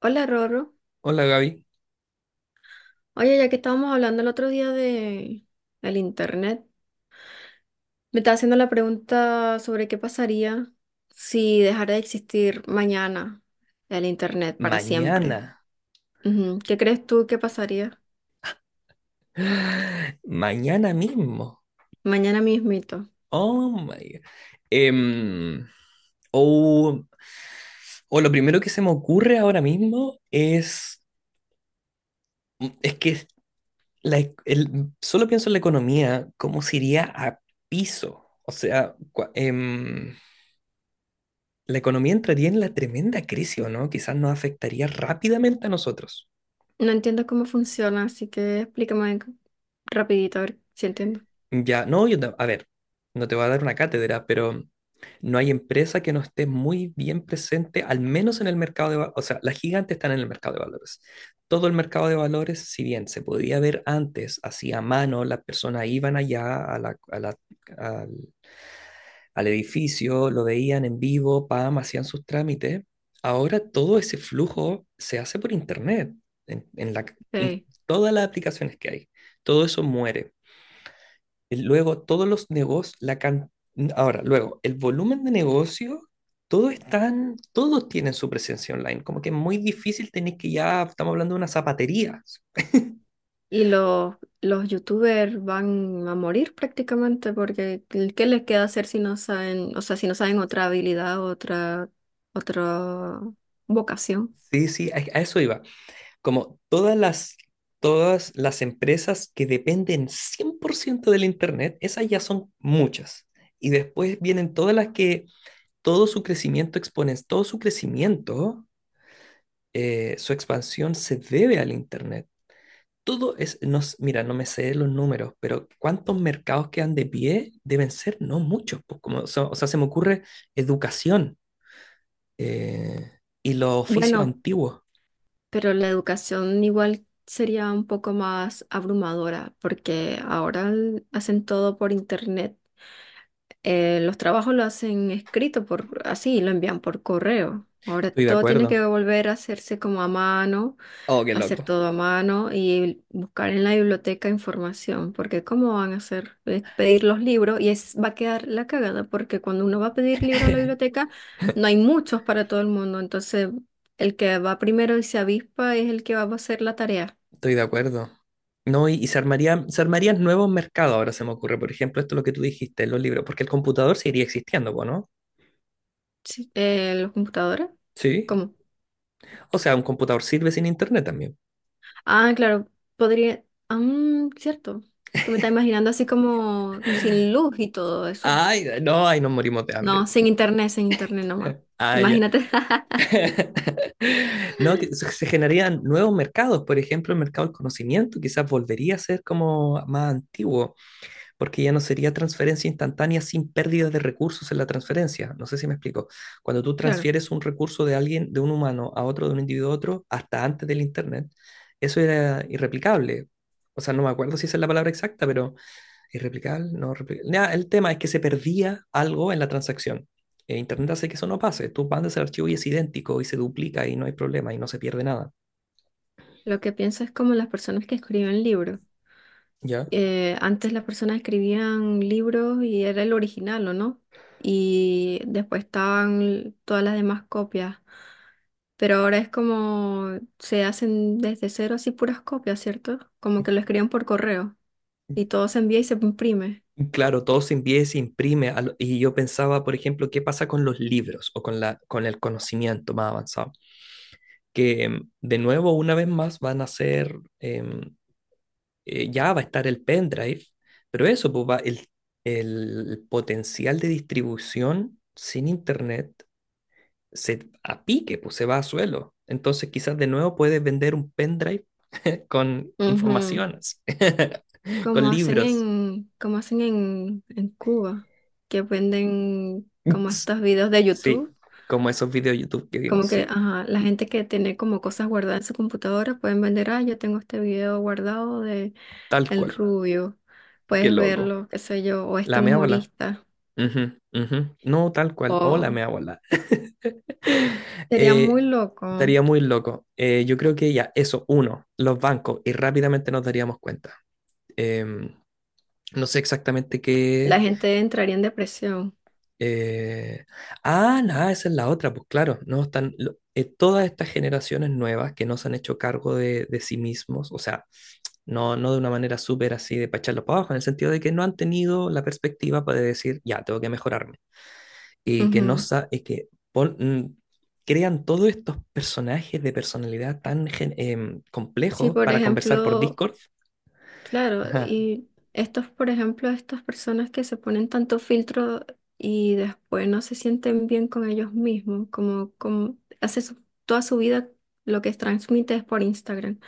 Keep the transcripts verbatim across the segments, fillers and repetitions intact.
Hola, Rorro. Hola, Gaby. Oye, ya que estábamos hablando el otro día de el internet, me estaba haciendo la pregunta sobre qué pasaría si dejara de existir mañana el internet para Mañana, siempre. Ujú. ¿Qué crees tú que pasaría mañana mismo. mañana mismito? Oh my God. Em, o, o lo primero que se me ocurre ahora mismo es, mm, es que la e- el- solo pienso en la economía, cómo se iría a piso. O sea, cua- em, la economía entraría en la tremenda crisis, ¿o no? Quizás nos afectaría rápidamente a nosotros. No entiendo cómo funciona, así que explícame rapidito a ver si entiendo. Ya, no, yo, ta- A ver, no te voy a dar una cátedra, pero no hay empresa que no esté muy bien presente, al menos en el mercado de valores. O sea, las gigantes están en el mercado de valores. Todo el mercado de valores, si bien se podía ver antes, así a mano, las personas iban allá a la- a la- al, al edificio, lo veían en vivo, pam, hacían sus trámites. Ahora todo ese flujo se hace por internet, en, en la, Ok. en todas las aplicaciones que hay. Todo eso muere el- luego, todos los negocios, la can- ahora, luego, el volumen de negocio, todos están, todos tienen su presencia online. Como que es muy difícil tener que ya, estamos hablando de una zapatería. Y los, los youtubers van a morir prácticamente porque ¿qué qué les queda hacer si no saben, o sea, si no saben otra habilidad, otra, otra vocación? Sí, sí, a, a eso iba. Como todas las, todas las empresas que dependen cien por ciento del Internet, esas ya son muchas. Y después vienen todas las que todo su crecimiento exponen, todo su crecimiento, eh, su expansión se debe al Internet. Todo es, no, s- mira, no me sé los números, pero ¿cuántos mercados quedan de pie? Deben ser no muchos, pues, como, so- o sea, se me ocurre educación eh, y los oficios Bueno, antiguos. pero la educación igual sería un poco más abrumadora porque ahora l- hacen todo por internet. Eh, los trabajos lo hacen escrito por así, lo envían por correo. Ahora Estoy de todo tiene que acuerdo. volver a hacerse como a mano, Oh, qué hacer loco. todo a mano y buscar en la biblioteca información, porque ¿cómo van a hacer? Es pedir los libros y es, va a quedar la cagada, porque cuando uno va a pedir libros a la biblioteca, no hay muchos para todo el mundo, entonces el que va primero y se avispa es el que va a hacer la tarea. Estoy de acuerdo. No, y, y se armarían, se armarían nuevos mercados, ahora se me ocurre. Por ejemplo, esto es lo que tú dijiste, los libros, porque el computador seguiría existiendo, po, ¿no? Sí. Eh, ¿los computadores? Sí. ¿Cómo? O sea, un computador sirve sin internet también. Ah, claro, podría... Ah, mm, cierto. Es que me está imaginando así como sin luz y todo eso. Ay, no, ay, nos morimos de No, hambre. sin internet, sin internet nomás. Ay, ya. Imagínate. No, que se se generarían nuevos mercados, por ejemplo, el mercado del conocimiento quizás volvería a ser como más antiguo, porque ya no sería transferencia instantánea sin pérdidas de recursos en la transferencia. No sé si me explico. Cuando tú Claro. transfieres un recurso de alguien, de un humano a otro, de un individuo a otro, hasta antes del Internet, eso era irreplicable. O sea, no me acuerdo si esa es la palabra exacta, pero irreplicable, no replicable. Nah, el tema es que se perdía algo en la transacción. Eh, Internet hace que eso no pase. Tú mandas el archivo y es idéntico y se duplica y no hay problema y no se pierde nada. Lo que pienso es como las personas que escriben libros. ¿Ya? Eh, antes las personas escribían libros y era el original, ¿o no? Y después estaban l- todas las demás copias. Pero ahora es como se hacen desde cero así puras copias, ¿cierto? Como que lo escriben por correo y todo se envía y se imprime. Claro, todo se envía y se imprime. lo- Y yo pensaba, por ejemplo, qué pasa con los libros o con la, con el conocimiento más avanzado. Que em, de nuevo, una vez más, van a ser, em, eh, ya va a estar el pendrive, pero eso, pues va, el, el potencial de distribución sin internet se a pique, pues se va a suelo. Entonces quizás de nuevo puedes vender un pendrive con Ujú. informaciones, con Como hacen libros. en, como hacen en, en Cuba, que venden como Ups. estos videos de Sí, YouTube. como esos videos de YouTube que Como vimos, que, sí, ajá, la gente que tiene como cosas guardadas en su computadora pueden vender, ah, yo tengo este video guardado de tal El cual. Rubio, Qué puedes loco. verlo, qué sé yo, o este La mea bola. humorista, Ujú, ujú. No, tal cual. Hola, o mea bola. sería Eh, muy loco, estaría muy loco. Eh, yo creo que ya, eso, uno, los bancos, y rápidamente nos daríamos cuenta. Em, no sé exactamente la qué. gente entraría en depresión. Eh, ah, nada, esa es la otra, pues claro, no están lo- eh, todas estas generaciones nuevas que no se han hecho cargo de, de sí mismos, o sea, no, no de una manera súper así de pacharlo para abajo, en el sentido de que no han tenido la perspectiva para decir, ya, tengo que mejorarme. Y que no Ujú. sa- y que pon- mm, crean todos estos personajes de personalidad tan gen- em, Sí, complejos por para conversar por ejemplo, Discord. claro, Ajá. y estos, por ejemplo, estas personas que se ponen tanto filtro y después no se sienten bien con ellos mismos, como, como hace su- toda su vida lo que transmite es por Instagram.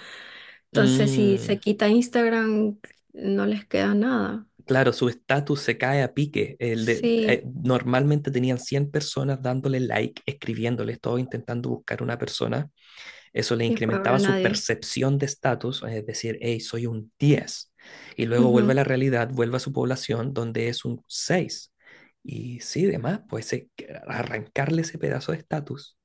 Entonces, si se Mm. quita Instagram, no les queda nada. Claro, su estatus se cae a pique. El de- eh, Sí, Normalmente tenían cien personas dándole like, escribiéndole, todo intentando buscar una persona. Eso le y después habrá incrementaba su nadie. percepción de estatus, es decir, hey, soy un diez. Y luego vuelve a Ujú. la realidad, vuelve a su población, donde es un seis. Y sí, demás, pues eh, que arrancarle ese pedazo de estatus,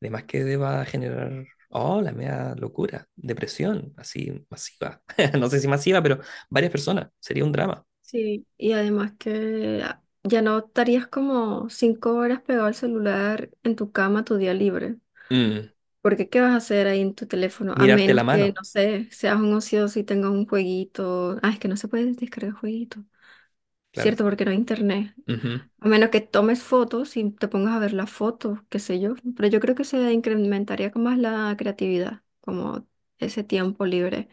de más que deba generar, oh, la media locura, depresión, así masiva. No sé si masiva, pero varias personas, sería un drama. Sí, y además que ah, ya no estarías como cinco horas pegado al celular en tu cama tu día libre. Mm. Porque ¿qué vas a hacer ahí en tu teléfono? A Mirarte la menos que, mano, no sé, seas un ocioso y tengas un jueguito. Ah, es que no se puede descargar jueguito. claro. Cierto, porque no hay internet. Ujú. A menos que tomes fotos y te pongas a ver las fotos, qué sé yo. Pero yo creo que se incrementaría con más la creatividad, como ese tiempo libre.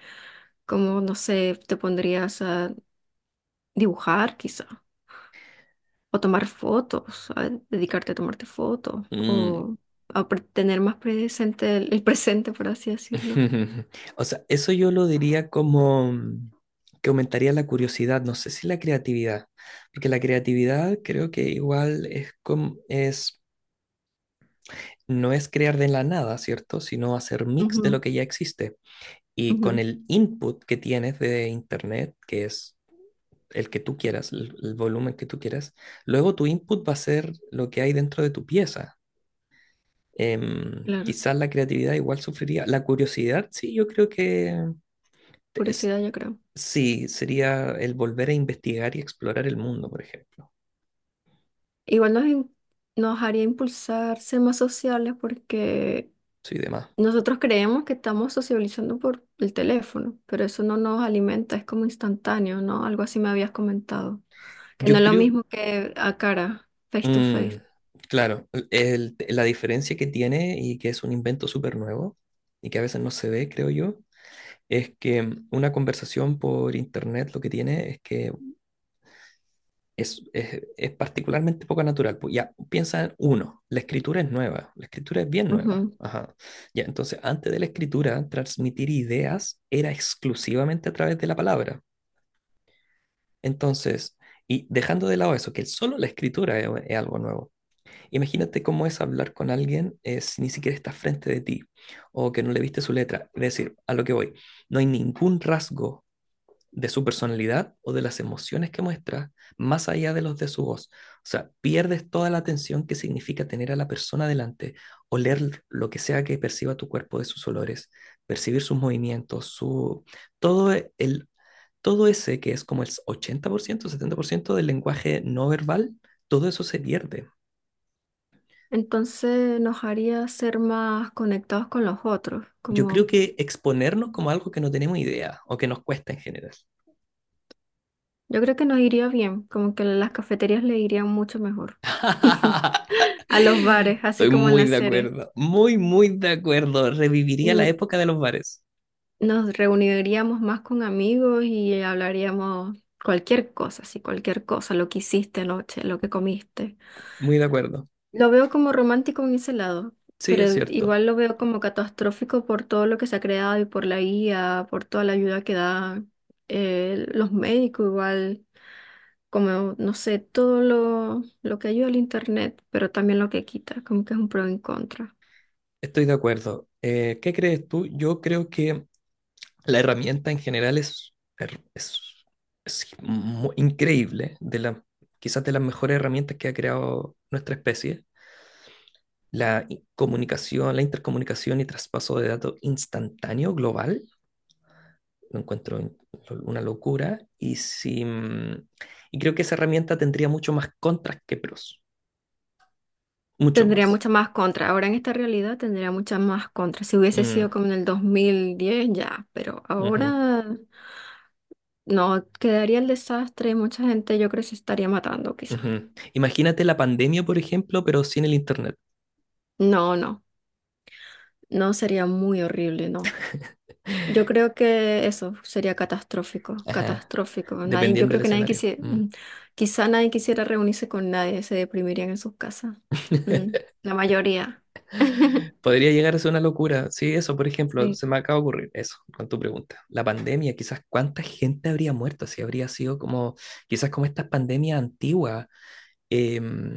Como, no sé, te pondrías a dibujar quizá, o tomar fotos, a dedicarte a tomarte fotos, o Mm. a pre- tener más presente el, el presente, por así decirlo. O sea, eso yo lo diría como mm, que aumentaría la curiosidad, no sé si la creatividad, porque la creatividad creo que igual es como es no es crear de la nada, ¿cierto? Sino hacer mix de Ujú, lo que ya existe. Y con ujú, el input que tienes de internet, que es el que tú quieras, el, el volumen que tú quieras, luego tu input va a ser lo que hay dentro de tu pieza. Em, claro, quizás la creatividad igual sufriría. La curiosidad, sí, yo creo que es, curiosidad yo creo. sí, sería el volver a investigar y explorar el mundo, por ejemplo. Igual nos, in- nos haría impulsar ser más sociales porque Sí, demás. nosotros creemos que estamos sociabilizando por el teléfono, pero eso no nos alimenta, es como instantáneo, ¿no? Algo así me habías comentado, que no Yo es lo creo, mismo que a cara, face to mm, face. claro, el- la diferencia que tiene y que es un invento súper nuevo y que a veces no se ve, creo yo, es que una conversación por internet lo que tiene es que es, es, es particularmente poco natural. Pues ya, piensa en uno, la escritura es nueva, la escritura es bien nueva. Ujú. Ajá. Ya, entonces, antes de la escritura, transmitir ideas era exclusivamente a través de la palabra. Entonces, y dejando de lado eso, que solo la escritura es, es algo nuevo. Imagínate cómo es hablar con alguien eh, si ni siquiera está frente de ti o que no le viste su letra. Es decir, a lo que voy, no hay ningún rasgo de su personalidad o de las emociones que muestra, más allá de los de su voz. O sea, pierdes toda la atención que significa tener a la persona delante, oler lo que sea que perciba tu cuerpo de sus olores, percibir sus movimientos, su todo el todo ese que es como el ochenta por ciento setenta por ciento del lenguaje no verbal, todo eso se pierde. Entonces nos haría ser más conectados con los otros, Yo creo como que exponernos como algo que no tenemos idea o que nos cuesta en general. yo creo que nos iría bien, como que las cafeterías le irían mucho mejor a los bares, así Estoy como en muy la de serie. acuerdo, muy, muy de acuerdo. Reviviría la Mm, época de los bares. nos reuniríamos más con amigos y hablaríamos cualquier cosa, sí, cualquier cosa, lo que hiciste anoche, lo que comiste. Muy de acuerdo. Lo veo como romántico en ese lado, Sí, es pero cierto. igual lo veo como catastrófico por todo lo que se ha creado y por la guía, por toda la ayuda que dan eh, los médicos, igual, como, no sé, todo lo, lo que ayuda al internet, pero también lo que quita, como que es un pro en contra. Estoy de acuerdo. Eh, ¿qué crees tú? Yo creo que la herramienta en general es, er- es, es mu- increíble, de la, quizás de las mejores herramientas que ha creado nuestra especie. La i- comunicación, la intercomunicación y traspaso de datos instantáneo global lo encuentro una locura y, si, mm, y creo que esa herramienta tendría mucho más contras que pros, mucho Tendría más. mucha más contra. Ahora en esta realidad tendría mucha más contra. Si hubiese Mm, sido como en el dos mil diez ya, pero ujú, ahora no, quedaría el desastre. Mucha gente yo creo que se estaría matando quizá. ujú. Imagínate la pandemia, por ejemplo, pero sin el internet. No, no, no sería muy horrible, no. Yo creo que eso sería catastrófico, Ajá, catastrófico. Nadie, yo dependiendo del creo que nadie escenario. quisiera, Mm. quizá nadie quisiera reunirse con nadie, se deprimirían en sus casas. Mm, la mayoría. Podría llegar a ser una locura. Sí, eso, por ejemplo, Sí, se me acaba de ocurrir eso con tu pregunta. La pandemia, quizás cuánta gente habría muerto, si habría sido como, quizás como estas pandemias antiguas,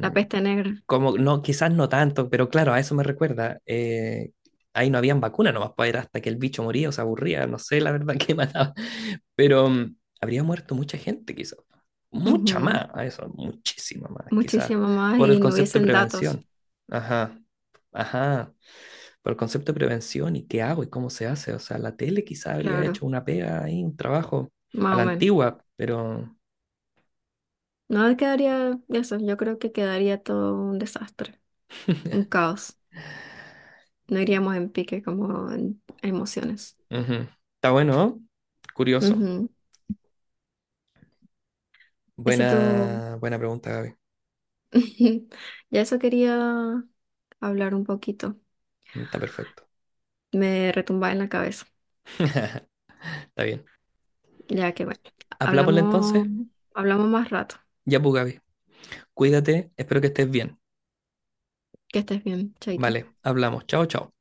la peste negra. como, no, quizás no tanto, pero claro, a eso me recuerda. Eh, ahí no habían vacuna nomás para era hasta que el bicho moría o se aburría, no sé la verdad qué mataba. Pero mm, habría muerto mucha gente, quizás. Mucha Ujú. más, a eso, muchísima más, quizás. Muchísimo más Por y el no concepto de hubiesen datos, prevención. Ajá, ajá. Por el concepto de prevención y qué hago y cómo se hace. O sea, la tele quizás habría claro, hecho una pega ahí, un trabajo a más la o menos. antigua, pero No quedaría eso, yo creo que quedaría todo un desastre, un caos. No iríamos en pique como en emociones. ujú. Está bueno, ¿no? Curioso. Ujú. Ese tú, Buena, buena pregunta, Gaby. ya eso quería hablar un poquito. Mm, está perfecto. Me retumbaba en la cabeza, Está bien. ya que bueno, Hablámosle hablamos, entonces. hablamos más rato. Ya, pues, Gaby. Cuídate. Espero que estés bien. Que estés bien, chaito. Vale, hablamos. Chao, chao.